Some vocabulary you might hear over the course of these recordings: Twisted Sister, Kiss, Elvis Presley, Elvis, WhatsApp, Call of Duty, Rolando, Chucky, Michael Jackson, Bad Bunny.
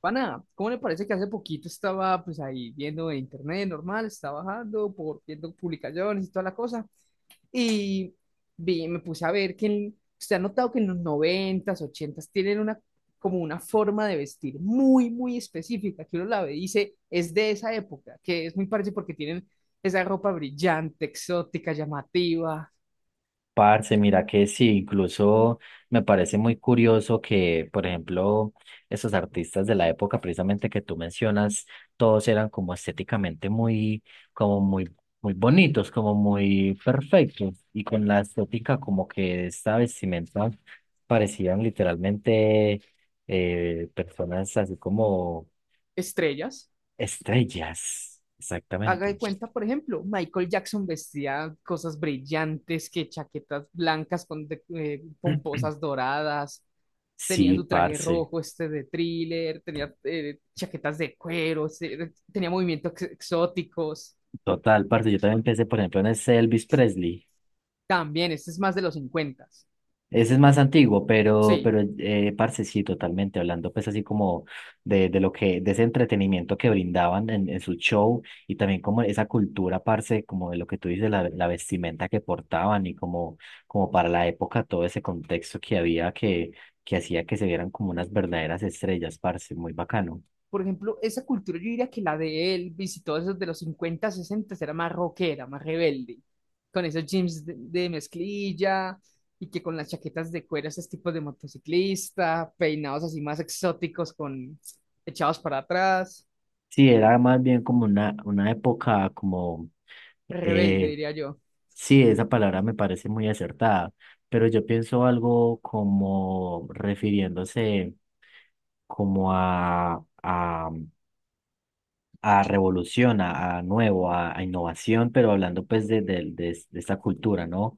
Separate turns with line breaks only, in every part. Pana, ¿cómo le parece que hace poquito estaba pues ahí viendo en internet normal, estaba bajando, por, viendo publicaciones y toda la cosa? Y vi, me puse a ver que usted ha notado que en los noventas, ochentas tienen una como una forma de vestir muy específica, que uno la ve y dice, es de esa época, que es muy parecido porque tienen esa ropa brillante, exótica, llamativa,
Parce, mira que sí, incluso me parece muy curioso que, por ejemplo, esos artistas de la época precisamente que tú mencionas, todos eran como estéticamente muy, como muy, muy bonitos, como muy perfectos, y con la estética como que esta vestimenta parecían literalmente personas así como
estrellas.
estrellas,
Haga
exactamente.
de cuenta, por ejemplo, Michael Jackson vestía cosas brillantes, que chaquetas blancas con pomposas doradas, tenía
Sí,
su traje
parce,
rojo este de Thriller, tenía chaquetas de cuero, tenía movimientos exóticos.
total, parce, yo también pensé, por ejemplo, en ese Elvis Presley.
También, este es más de los 50.
Ese es más antiguo, pero,
Sí,
pero, parce, sí, totalmente hablando, pues así como de lo que, de ese entretenimiento que brindaban en su show y también como esa cultura, parce, como de lo que tú dices, la vestimenta que portaban y como, como para la época todo ese contexto que había que hacía que se vieran como unas verdaderas estrellas, parce, muy bacano.
por ejemplo, esa cultura yo diría que la de Elvis y todos esos de los 50 60 era más rockera, más rebelde, con esos jeans de mezclilla y que con las chaquetas de cuero, esos tipos de motociclista, peinados así más exóticos, con echados para atrás,
Sí, era más bien como una época como.
rebelde,
Eh,
diría yo.
sí, esa palabra me parece muy acertada, pero yo pienso algo como refiriéndose como a revolución, a nuevo, a innovación, pero hablando pues de es- de esta cultura, ¿no?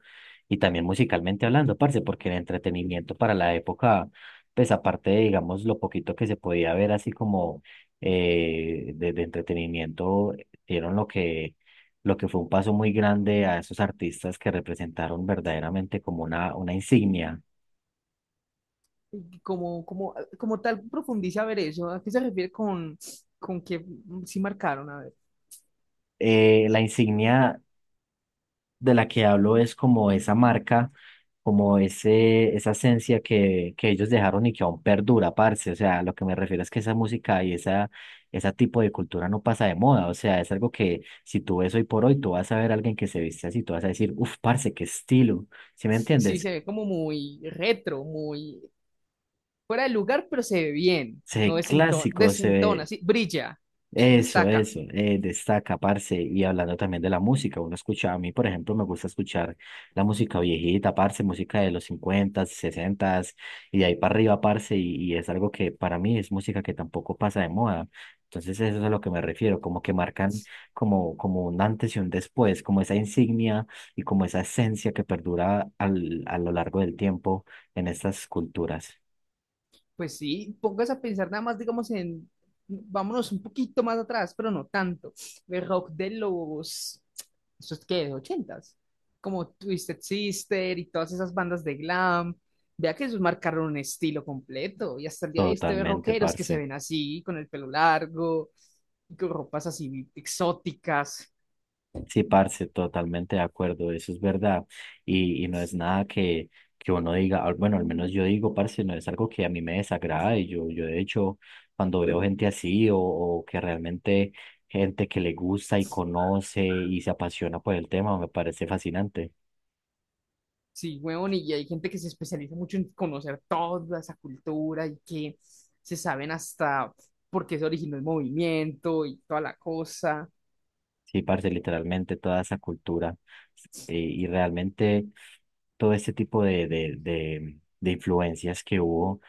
Y también musicalmente hablando, parce, porque el entretenimiento para la época, pues aparte de, digamos, lo poquito que se podía ver así como de entretenimiento, dieron lo que fue un paso muy grande a esos artistas que representaron verdaderamente como una insignia.
Y como, como, como tal, profundiza a ver eso. ¿A qué se refiere con que sí marcaron? A ver.
La insignia de la que hablo es como esa marca, como ese, esa esencia que ellos dejaron y que aún perdura, parce. O sea, lo que me refiero es que esa música y esa, ese tipo de cultura no pasa de moda. O sea, es algo que si tú ves hoy por hoy, tú vas a ver a alguien que se viste así, tú vas a decir, uff, parce, qué estilo. ¿Sí me
Sí,
entiendes?
se ve como muy retro, muy fuera del lugar, pero se ve bien,
Se
no
ve
desentona,
clásico, se
desentona,
ve.
sí, brilla,
Eso,
destaca.
eso, destaca, parce, y hablando también de la música, uno escucha, a mí, por ejemplo, me gusta escuchar la música viejita, parce, música de los 50, 60 y de ahí para arriba, parce, y es algo que para mí es música que tampoco pasa de moda. Entonces, eso es a lo que me refiero, como que marcan como, como un antes y un después, como esa insignia y como esa esencia que perdura al, a lo largo del tiempo en estas culturas.
Pues sí, póngase a pensar nada más, digamos, en, vámonos un poquito más atrás, pero no tanto. El rock de los, ¿eso es qué? Ochentas como Twisted Sister y todas esas bandas de glam. Vea que ellos marcaron un estilo completo y hasta el día de hoy usted ve
Totalmente,
rockeros que se
parce.
ven así, con el pelo largo, y con ropas así exóticas.
Sí, parce, totalmente de acuerdo, eso es verdad. Y no es nada que, que uno diga, al- bueno, al menos yo digo, parce, no es algo que a mí me desagrade. Yo de hecho, cuando veo gente así o que realmente gente que le gusta y conoce y se apasiona por el tema, me parece fascinante.
Sí, weón, y hay gente que se especializa mucho en conocer toda esa cultura y que se saben hasta por qué se originó el movimiento y toda la cosa.
Sí, parce, literalmente toda esa cultura y realmente todo este tipo de influencias que hubo,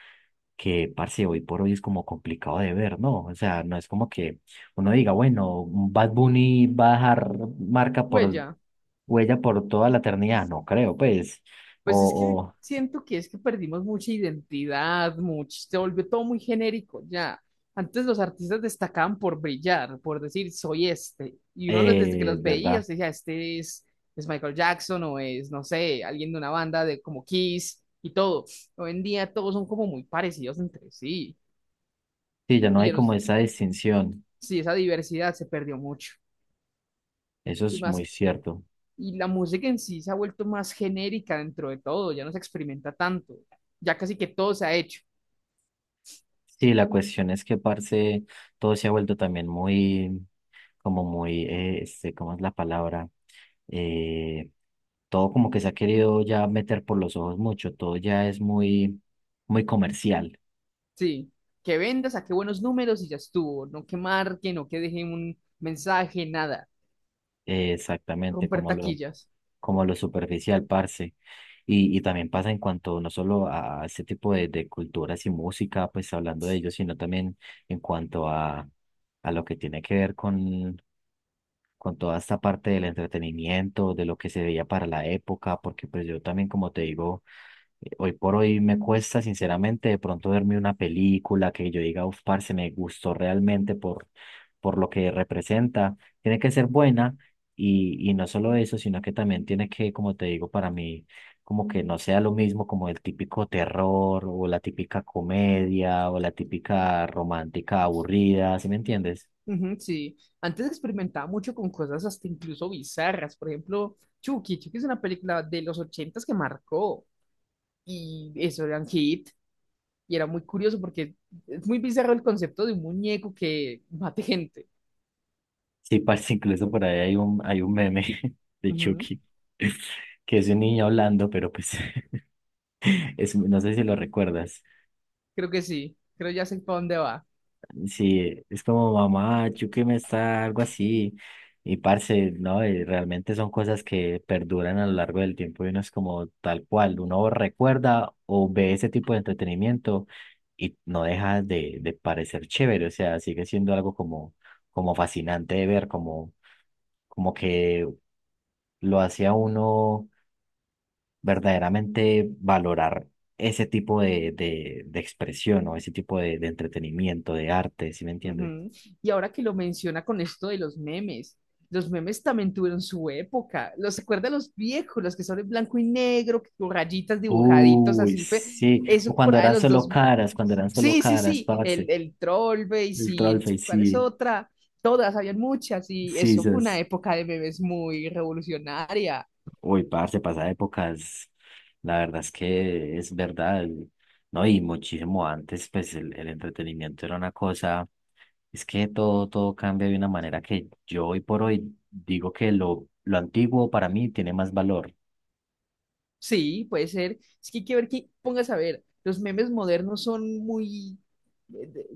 que parce, hoy por hoy es como complicado de ver, ¿no? O sea, no es como que uno diga, bueno, un Bad Bunny va a dejar marca por
Huella.
huella por toda la eternidad, no creo, pues,
Pues es que
o
siento que es que perdimos mucha identidad, mucho, se volvió todo muy genérico ya. Antes los artistas destacaban por brillar, por decir soy este, y uno desde que los
es
veía,
verdad,
usted decía, este es Michael Jackson o es, no sé, alguien de una banda de como Kiss y todo. Hoy en día todos son como muy parecidos entre sí,
sí, ya no
y
hay
ya no,
como esa distinción,
sí, esa diversidad se perdió mucho.
eso
Y
es muy
más,
cierto.
y la música en sí se ha vuelto más genérica dentro de todo, ya no se experimenta tanto, ya casi que todo se ha hecho.
Sí, la cuestión es que, parce, todo se ha vuelto también muy como muy, este, ¿cómo es la palabra? Eh, Todo como que se ha querido ya meter por los ojos mucho, todo ya es muy, muy comercial,
Sí, que venda, saque buenos números y ya estuvo. No que marque, no que deje un mensaje, nada.
exactamente,
Romper taquillas.
como lo superficial, parce. Y también pasa en cuanto no solo a este tipo de culturas y música, pues hablando de ellos, sino también en cuanto a lo que tiene que ver con toda esta parte del entretenimiento, de lo que se veía para la época, porque pues yo también, como te digo, hoy por hoy me cuesta sinceramente de pronto verme una película que yo diga, uf, parce, me gustó realmente por lo que representa. Tiene que ser buena y no solo eso, sino que también tiene que, como te digo, para mí, como que no sea lo mismo como el típico terror o la típica comedia o la típica romántica aburrida, ¿sí me entiendes?
Ujú, sí, antes experimentaba mucho con cosas hasta incluso bizarras. Por ejemplo, Chucky. Chucky es una película de los ochentas que marcó. Y eso era un hit. Y era muy curioso porque es muy bizarro el concepto de un muñeco que mate gente.
Sí, parece incluso por ahí hay un meme de
Ujú.
Chucky, que es un niño hablando, pero pues es, no sé si lo recuerdas.
Creo que sí. Creo ya sé para dónde va.
Sí, es como mamá, Chucky me está algo así. Y parce, no, y realmente son cosas que perduran a lo largo del tiempo y uno es como tal cual, uno recuerda o ve ese tipo de entretenimiento y no deja de parecer chévere, o sea, sigue siendo algo como, como fascinante de ver, como, como que lo hacía uno verdaderamente valorar ese tipo de expresión o ese tipo de entretenimiento, de arte, ¿sí me entiende?
Ujú. Y ahora que lo menciona con esto de los memes también tuvieron su época. ¿Los acuerda los viejos, los que son en blanco y negro, que con rayitas dibujaditos
Uy,
así? Fue,
sí, o
eso por
cuando
ahí
eran
de los
solo
dos.
caras, cuando eran solo
Sí, sí,
caras,
sí,
parce,
el Trollface y
el troll
sí,
face,
¿cuál
sí,
es otra? Todas, habían muchas y
sí,
eso fue una
esas.
época de memes muy revolucionaria.
Uy, parce, pasa épocas, la verdad es que es verdad, el- ¿no? Y muchísimo antes, pues el entretenimiento era una cosa, es que todo, todo cambia de una manera que yo hoy por hoy digo que lo antiguo para mí tiene más valor.
Sí, puede ser. Es que hay que ver que, pongas a ver, los memes modernos son muy eh, de,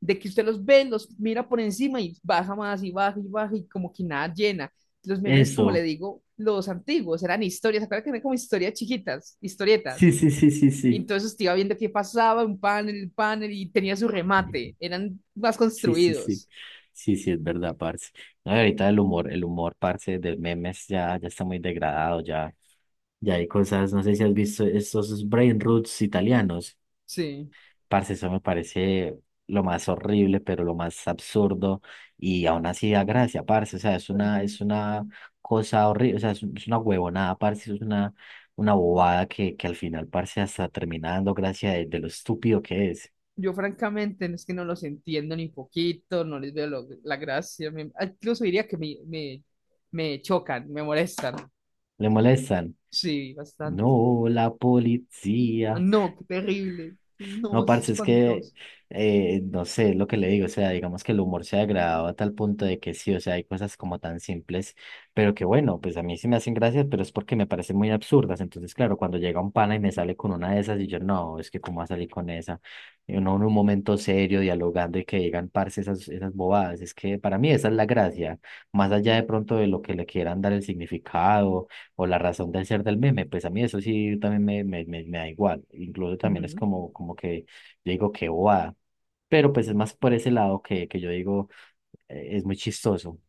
de que usted los ve, los mira por encima y baja más y baja y baja y como que nada llena. Los memes, como
Eso.
le digo, los antiguos eran historias, ¿se que eran como historias chiquitas,
Sí,
historietas?
sí, sí, sí,
Y
sí.
entonces usted iba viendo qué pasaba, un panel y tenía su remate, eran más
Sí, sí, sí.
construidos.
Sí, sí, es verdad, parce. No, y ahorita el humor, parce, de memes ya, ya está muy degradado, ya, ya hay cosas, no sé si has visto estos brain roots italianos.
Sí.
Parce, eso me parece lo más horrible, pero lo más absurdo, y aún así da gracia, parce. O sea, es una cosa horrible, o sea, es, un- es una huevonada, parce, es una bobada que al final, parce, hasta termina dando gracia de lo estúpido que es.
Yo francamente no es que no los entiendo ni poquito, no les veo la gracia. Incluso diría que me chocan, me molestan.
Le molestan.
Sí,
No,
bastante.
la
Ah,
policía.
no, qué terrible.
No,
No, es
parce, es que
espantoso.
no sé es lo que le digo. O sea, digamos que el humor se ha degradado a tal punto de que sí, o sea, hay cosas como tan simples, pero que bueno, pues a mí sí me hacen gracias, pero es porque me parecen muy absurdas. Entonces, claro, cuando llega un pana y me sale con una de esas, y yo, no, es que cómo va a salir con esa. Y uno en un momento serio, dialogando y que digan, parce, esas, esas bobadas. Es que para mí esa es la gracia, más allá de pronto de lo que le quieran dar el significado o la razón del ser del meme, pues a mí eso sí también me da igual. Incluso también es
Ujú.
como, como que yo digo que bobada, pero pues es más por ese lado que yo digo es muy chistoso.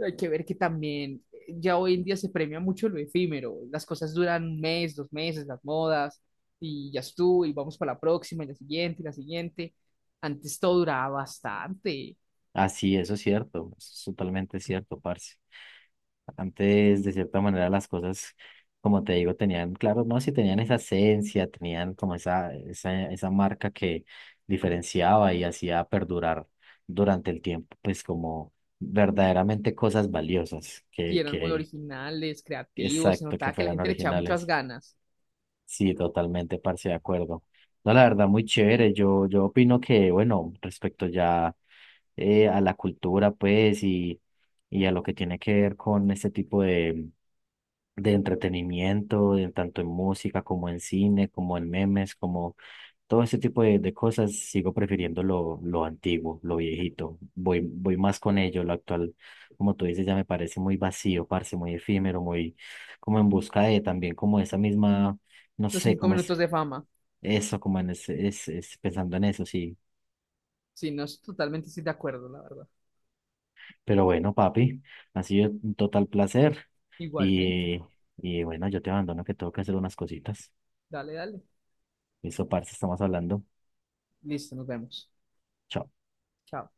Hay que ver que también ya hoy en día se premia mucho lo efímero. Las cosas duran un mes, dos meses, las modas, y ya estuvo, y vamos para la próxima, y la siguiente, y la siguiente. Antes todo duraba bastante
Así, eso es cierto, eso es totalmente cierto, parce. Antes, de cierta manera, las cosas, como te digo, tenían, claro, no, si tenían esa esencia, tenían como esa marca que diferenciaba y hacía perdurar durante el tiempo, pues como verdaderamente cosas valiosas
y eran muy
que,
originales, creativos, se
exacto, que
notaba que la
fueran
gente le echaba muchas
originales.
ganas.
Sí, totalmente, parce, de acuerdo. No, la verdad, muy chévere. Yo opino que, bueno, respecto ya a la cultura, pues, y a lo que tiene que ver con este tipo de entretenimiento, en tanto en música como en cine, como en memes, como todo ese tipo de cosas sigo prefiriendo lo antiguo, lo viejito. Voy, voy más con ello. Lo actual, como tú dices, ya me parece muy vacío, parce, muy efímero, muy como en busca de también como esa misma, no
Los
sé,
cinco
como es
minutos de fama.
eso, como en ese, es pensando en eso, sí.
Sí, no, totalmente estoy de acuerdo, la verdad.
Pero bueno, papi, ha sido un total placer.
Igualmente.
Y, y bueno, yo te abandono que tengo que hacer unas cositas.
Dale, dale.
Eso, parce, estamos hablando.
Listo, nos vemos.
Chao.
Chao.